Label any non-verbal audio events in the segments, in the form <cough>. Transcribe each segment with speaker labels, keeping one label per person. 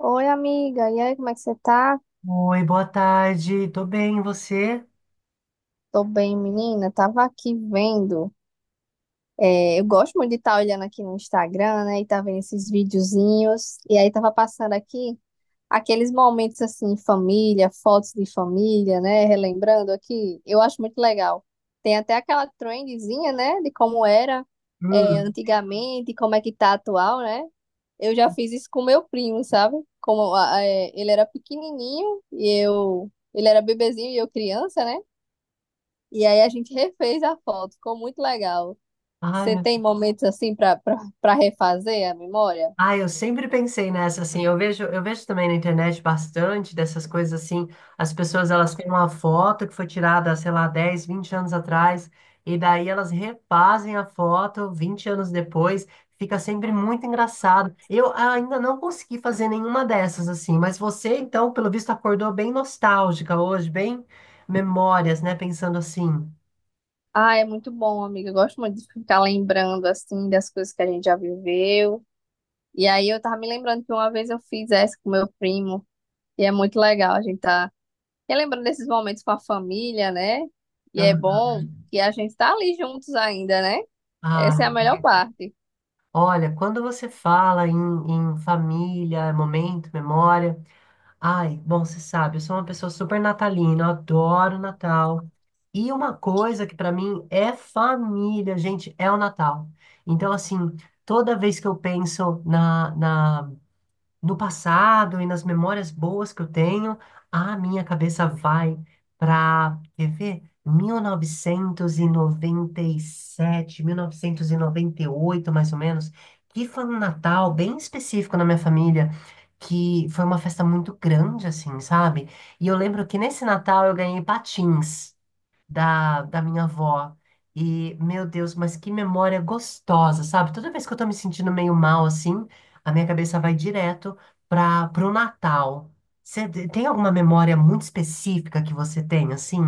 Speaker 1: Oi, amiga. E aí, como é que você tá?
Speaker 2: Oi, boa tarde. Tô bem, e você?
Speaker 1: Tô bem, menina. Tava aqui vendo. Eu gosto muito de estar olhando aqui no Instagram, né? E tá vendo esses videozinhos. E aí, tava passando aqui. Aqueles momentos assim, família, fotos de família, né? Relembrando aqui, eu acho muito legal. Tem até aquela trendzinha, né? De como era
Speaker 2: Hum.
Speaker 1: antigamente, como é que tá atual, né? Eu já fiz isso com meu primo, sabe? Ele era pequenininho e eu, ele era bebezinho e eu criança, né? E aí a gente refez a foto, ficou muito legal.
Speaker 2: Ai,
Speaker 1: Você
Speaker 2: meu...
Speaker 1: tem momentos assim para para refazer a memória?
Speaker 2: Ai, eu sempre pensei nessa assim. Eu vejo também na internet bastante dessas coisas assim. As pessoas elas têm uma foto que foi tirada, sei lá, 10, 20 anos atrás, e daí elas refazem a foto 20 anos depois. Fica sempre muito engraçado. Eu ainda não consegui fazer nenhuma dessas assim, mas você então, pelo visto, acordou bem nostálgica hoje, bem memórias, né? Pensando assim.
Speaker 1: Ah, é muito bom, amiga. Eu gosto muito de ficar lembrando, assim, das coisas que a gente já viveu. E aí eu tava me lembrando que uma vez eu fiz essa com meu primo. E é muito legal a gente tá relembrando desses momentos com a família, né? E é bom que a gente tá ali juntos ainda, né? Essa é
Speaker 2: Ah,
Speaker 1: a melhor parte.
Speaker 2: olha, quando você fala em família, momento, memória. Ai, bom, você sabe, eu sou uma pessoa super natalina, eu adoro Natal. E uma coisa que pra mim é família, gente, é o Natal. Então, assim, toda vez que eu penso na no passado e nas memórias boas que eu tenho, a minha cabeça vai para, quer ver? 1997, 1998, mais ou menos, que foi um Natal bem específico na minha família, que foi uma festa muito grande, assim, sabe? E eu lembro que nesse Natal eu ganhei patins da minha avó. E, meu Deus, mas que memória gostosa, sabe? Toda vez que eu tô me sentindo meio mal assim, a minha cabeça vai direto para pro Natal. Você tem alguma memória muito específica que você tem, assim?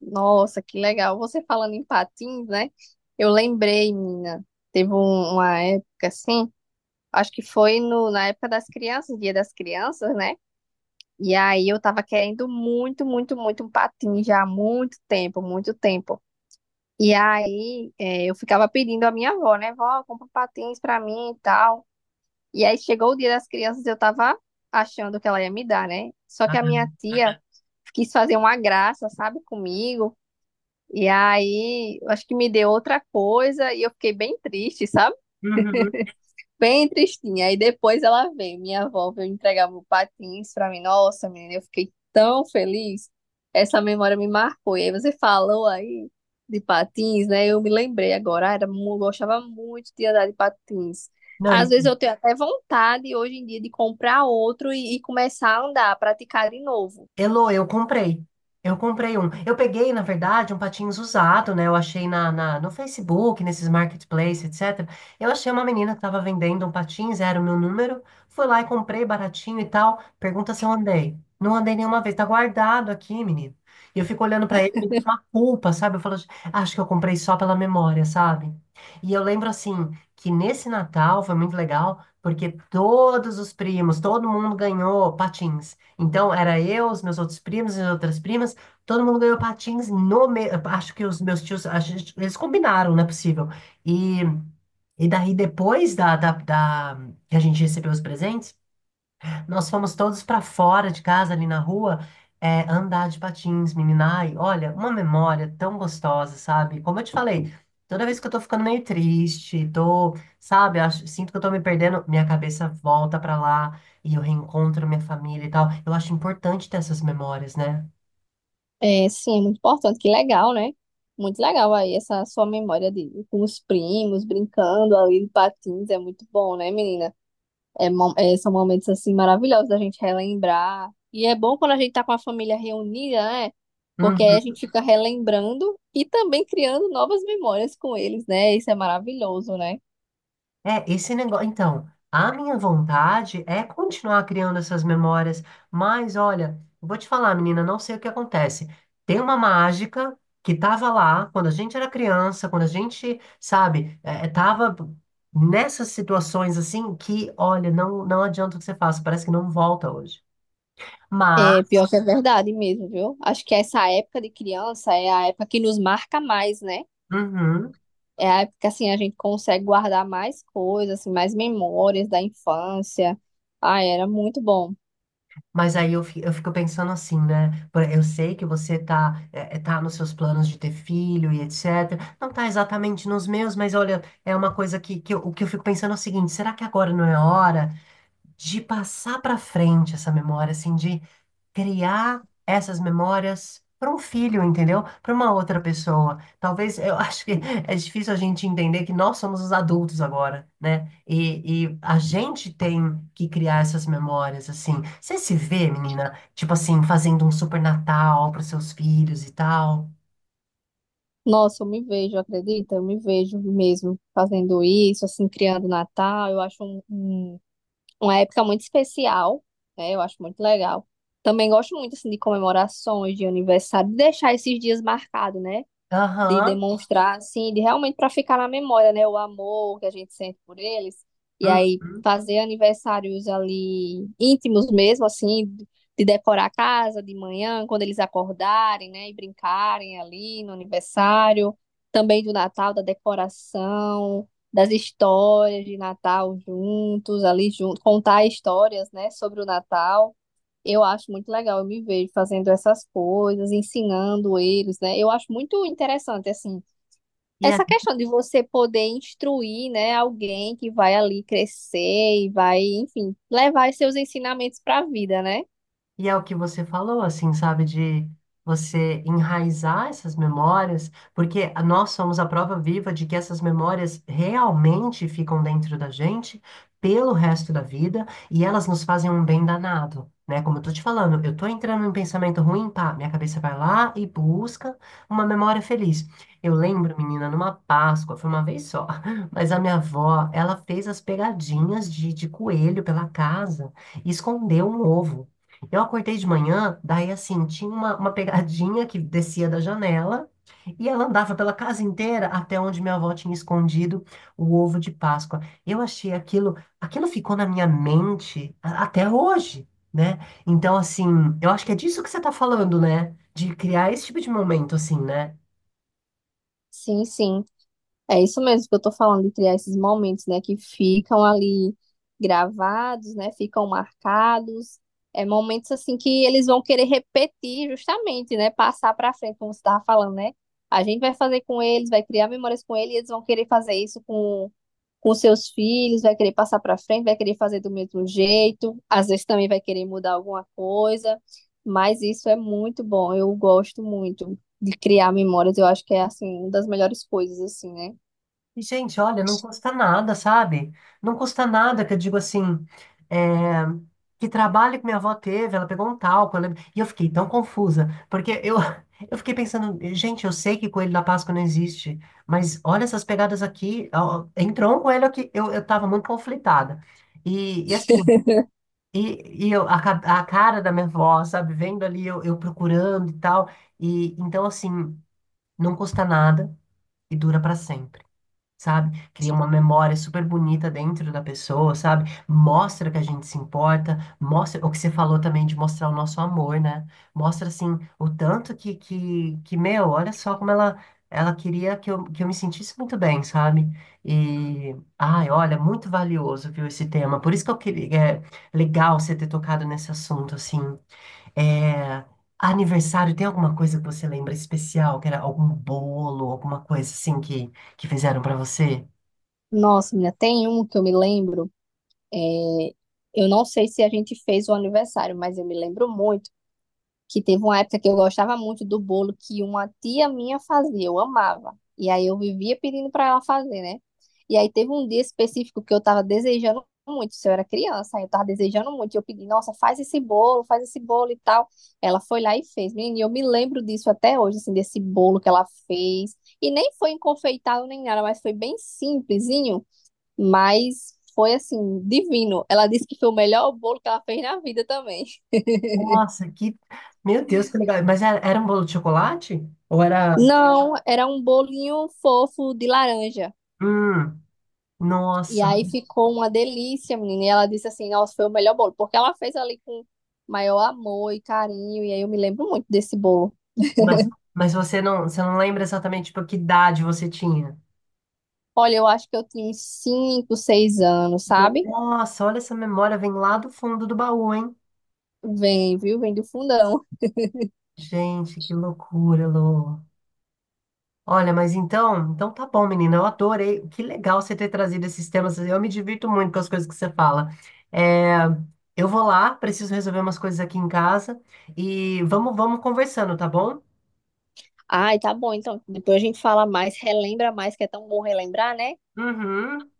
Speaker 1: Nossa, que legal. Você falando em patins, né? Eu lembrei, menina. Teve uma época, assim, acho que foi no, na época das crianças, Dia das Crianças, né? E aí eu tava querendo muito, muito, muito um patinho já há muito tempo, muito tempo. E aí eu ficava pedindo à minha avó, né? Vó, compra um patins pra mim e tal. E aí chegou o dia das crianças, eu tava achando que ela ia me dar, né? Só que
Speaker 2: Ah,
Speaker 1: a minha tia quis fazer uma graça, sabe, comigo. E aí, eu acho que me deu outra coisa e eu fiquei bem triste, sabe?
Speaker 2: uhum.
Speaker 1: Bem tristinha. Aí depois ela vem, minha avó veio entregar meu patins pra mim. Nossa, menina, eu fiquei tão feliz. Essa memória me marcou. E aí você falou aí de patins, né? Eu me lembrei agora. Ah, era, gostava muito de andar de patins.
Speaker 2: Não,
Speaker 1: Às
Speaker 2: e
Speaker 1: vezes eu tenho até vontade hoje em dia de comprar outro e começar a andar, a praticar de novo.
Speaker 2: Elô, eu comprei. Eu comprei um. Eu peguei, na verdade, um patins usado, né? Eu achei no Facebook, nesses marketplaces, etc. Eu achei uma menina que estava vendendo um patins, era o meu número. Fui lá e comprei baratinho e tal. Pergunta se eu andei. Não andei nenhuma vez. Tá guardado aqui, menino. E eu fico olhando pra ele, me dá uma culpa, sabe? Eu falo, acho que eu comprei só pela memória, sabe? E eu lembro, assim, que nesse Natal foi muito legal, porque todos os primos, todo mundo ganhou patins. Então, era eu, os meus outros primos, as outras primas, todo mundo ganhou patins no me... Acho que os meus tios, eles combinaram, não é possível. E, e daí, depois que a gente recebeu os presentes, nós fomos todos para fora de casa, ali na rua, andar de patins, menina. Ai, olha, uma memória tão gostosa, sabe? Como eu te falei, toda vez que eu tô ficando meio triste, tô, sabe, acho, sinto que eu tô me perdendo, minha cabeça volta para lá e eu reencontro minha família e tal. Eu acho importante ter essas memórias, né?
Speaker 1: É, sim, é muito importante. Que legal, né? Muito legal aí essa sua memória de com os primos brincando ali de patins. É muito bom, né, menina? São momentos assim maravilhosos da gente relembrar. E é bom quando a gente tá com a família reunida, né? Porque aí a
Speaker 2: Uhum.
Speaker 1: gente fica relembrando e também criando novas memórias com eles, né? Isso é maravilhoso, né?
Speaker 2: É, esse negócio. Então, a minha vontade é continuar criando essas memórias, mas olha, vou te falar, menina, não sei o que acontece. Tem uma mágica que tava lá quando a gente era criança, quando a gente, sabe, tava nessas situações assim que, olha, não adianta o que você faça, parece que não volta hoje.
Speaker 1: É
Speaker 2: Mas,
Speaker 1: pior que é verdade mesmo, viu? Acho que essa época de criança é a época que nos marca mais, né?
Speaker 2: uhum.
Speaker 1: É a época que assim a gente consegue guardar mais coisas, assim, mais memórias da infância. Ah, era muito bom.
Speaker 2: Mas aí eu, eu fico pensando assim, né? Eu sei que você tá, tá nos seus planos de ter filho e etc. Não tá exatamente nos meus, mas olha, é uma coisa o que eu fico pensando é o seguinte: será que agora não é hora de passar para frente essa memória, assim, de criar essas memórias para um filho, entendeu? Para uma outra pessoa. Talvez eu <laughs> acho que é difícil a gente entender que nós somos os adultos agora, né? E a gente tem que criar essas memórias, assim. Você se vê, menina, tipo assim, fazendo um super Natal para seus filhos e tal?
Speaker 1: Nossa, eu me vejo, acredita? Eu me vejo mesmo fazendo isso, assim, criando Natal. Eu acho uma época muito especial, né? Eu acho muito legal. Também gosto muito, assim, de comemorações, de aniversário, de deixar esses dias marcados, né? De
Speaker 2: Aham.
Speaker 1: demonstrar, assim, de realmente para ficar na memória, né? O amor que a gente sente por eles. E aí
Speaker 2: Uhum.
Speaker 1: fazer aniversários ali íntimos mesmo, assim, de decorar a casa de manhã, quando eles acordarem, né? E brincarem ali no aniversário. Também do Natal, da decoração, das histórias de Natal juntos, ali junto, contar histórias, né? Sobre o Natal. Eu acho muito legal, eu me vejo fazendo essas coisas, ensinando eles, né? Eu acho muito interessante, assim,
Speaker 2: E
Speaker 1: essa questão de você poder instruir, né, alguém que vai ali crescer e vai, enfim, levar esses seus ensinamentos para a vida, né?
Speaker 2: E é o que você falou, assim, sabe, de você enraizar essas memórias, porque nós somos a prova viva de que essas memórias realmente ficam dentro da gente pelo resto da vida e elas nos fazem um bem danado, né? Como eu tô te falando, eu tô entrando em pensamento ruim, pá, minha cabeça vai lá e busca uma memória feliz. Eu lembro, menina, numa Páscoa, foi uma vez só, <laughs> mas a minha avó, ela fez as pegadinhas de coelho pela casa e escondeu um ovo. Eu acordei de manhã, daí assim, tinha uma pegadinha que descia da janela e ela andava pela casa inteira até onde minha avó tinha escondido o ovo de Páscoa. Eu achei aquilo, aquilo ficou na minha mente até hoje, né? Então, assim, eu acho que é disso que você tá falando, né? De criar esse tipo de momento, assim, né?
Speaker 1: Sim, sim. É isso mesmo que eu tô falando, de criar esses momentos, né, que ficam ali gravados, né, ficam marcados. É momentos assim que eles vão querer repetir justamente, né, passar para frente, como você estava falando, né? A gente vai fazer com eles, vai criar memórias com eles, e eles vão querer fazer isso com seus filhos, vai querer passar para frente, vai querer fazer do mesmo jeito, às vezes também vai querer mudar alguma coisa, mas isso é muito bom. Eu gosto muito de criar memórias, eu acho que é assim, uma das melhores coisas assim, né?
Speaker 2: Gente, olha, não custa nada, sabe? Não custa nada que eu digo assim, é, que trabalho que minha avó teve, ela pegou um talco, e eu fiquei tão confusa, porque eu, <laughs> eu fiquei pensando, gente, eu sei que coelho da Páscoa não existe, mas olha essas pegadas aqui, ó, entrou um coelho aqui, eu tava muito conflitada. E, e assim, a cara da minha avó, sabe, vendo ali, eu procurando e tal, e então assim, não custa nada e dura pra sempre, sabe? Cria uma memória super bonita dentro da pessoa, sabe? Mostra que a gente se importa, mostra o que você falou também de mostrar o nosso amor, né? Mostra assim o tanto que meu, olha só como ela queria que eu me sentisse muito bem, sabe? E ai, olha, muito valioso, viu, esse tema. Por isso que eu queria, é legal você ter tocado nesse assunto assim. É, aniversário, tem alguma coisa que você lembra especial? Que era algum bolo, alguma coisa assim que fizeram pra você?
Speaker 1: Nossa, menina, tem um que eu me lembro. é, eu não sei se a gente fez o aniversário, mas eu me lembro muito que teve uma época que eu gostava muito do bolo que uma tia minha fazia, eu amava. E aí eu vivia pedindo para ela fazer, né? E aí teve um dia específico que eu tava desejando muito, se eu era criança, eu tava desejando muito. E eu pedi, nossa, faz esse bolo e tal. Ela foi lá e fez. Menina, e eu me lembro disso até hoje, assim, desse bolo que ela fez. E nem foi enfeitado nem nada, mas foi bem simplesinho. Mas foi assim, divino. Ela disse que foi o melhor bolo que ela fez na vida também.
Speaker 2: Nossa, que. Meu Deus, que legal. Mas era um bolo de chocolate? Ou era.
Speaker 1: Não, era um bolinho fofo de laranja.
Speaker 2: Hum,
Speaker 1: E
Speaker 2: nossa.
Speaker 1: aí ficou uma delícia, menina. E ela disse assim: nossa, foi o melhor bolo. Porque ela fez ali com maior amor e carinho. E aí eu me lembro muito desse bolo.
Speaker 2: Mas, mas você não lembra exatamente tipo, que idade você tinha?
Speaker 1: Olha, eu acho que eu tinha uns 5, 6 anos, sabe?
Speaker 2: Nossa, olha essa memória, vem lá do fundo do baú, hein?
Speaker 1: Vem, viu? Vem do fundão.
Speaker 2: Gente, que loucura, Lô. Olha, mas então, então tá bom, menina. Eu adorei. Que legal você ter trazido esses temas. Eu me divirto muito com as coisas que você fala. É, eu vou lá, preciso resolver umas coisas aqui em casa e vamos conversando, tá bom?
Speaker 1: Ai, tá bom. Então, depois a gente fala mais, relembra mais, que é tão bom relembrar, né?
Speaker 2: Uhum.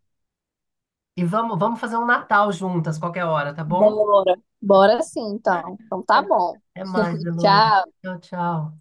Speaker 2: E vamos fazer um Natal juntas, qualquer hora, tá bom?
Speaker 1: Bora. Bora sim, então. Então tá bom.
Speaker 2: Até mais, Elô.
Speaker 1: Tchau.
Speaker 2: Tchau.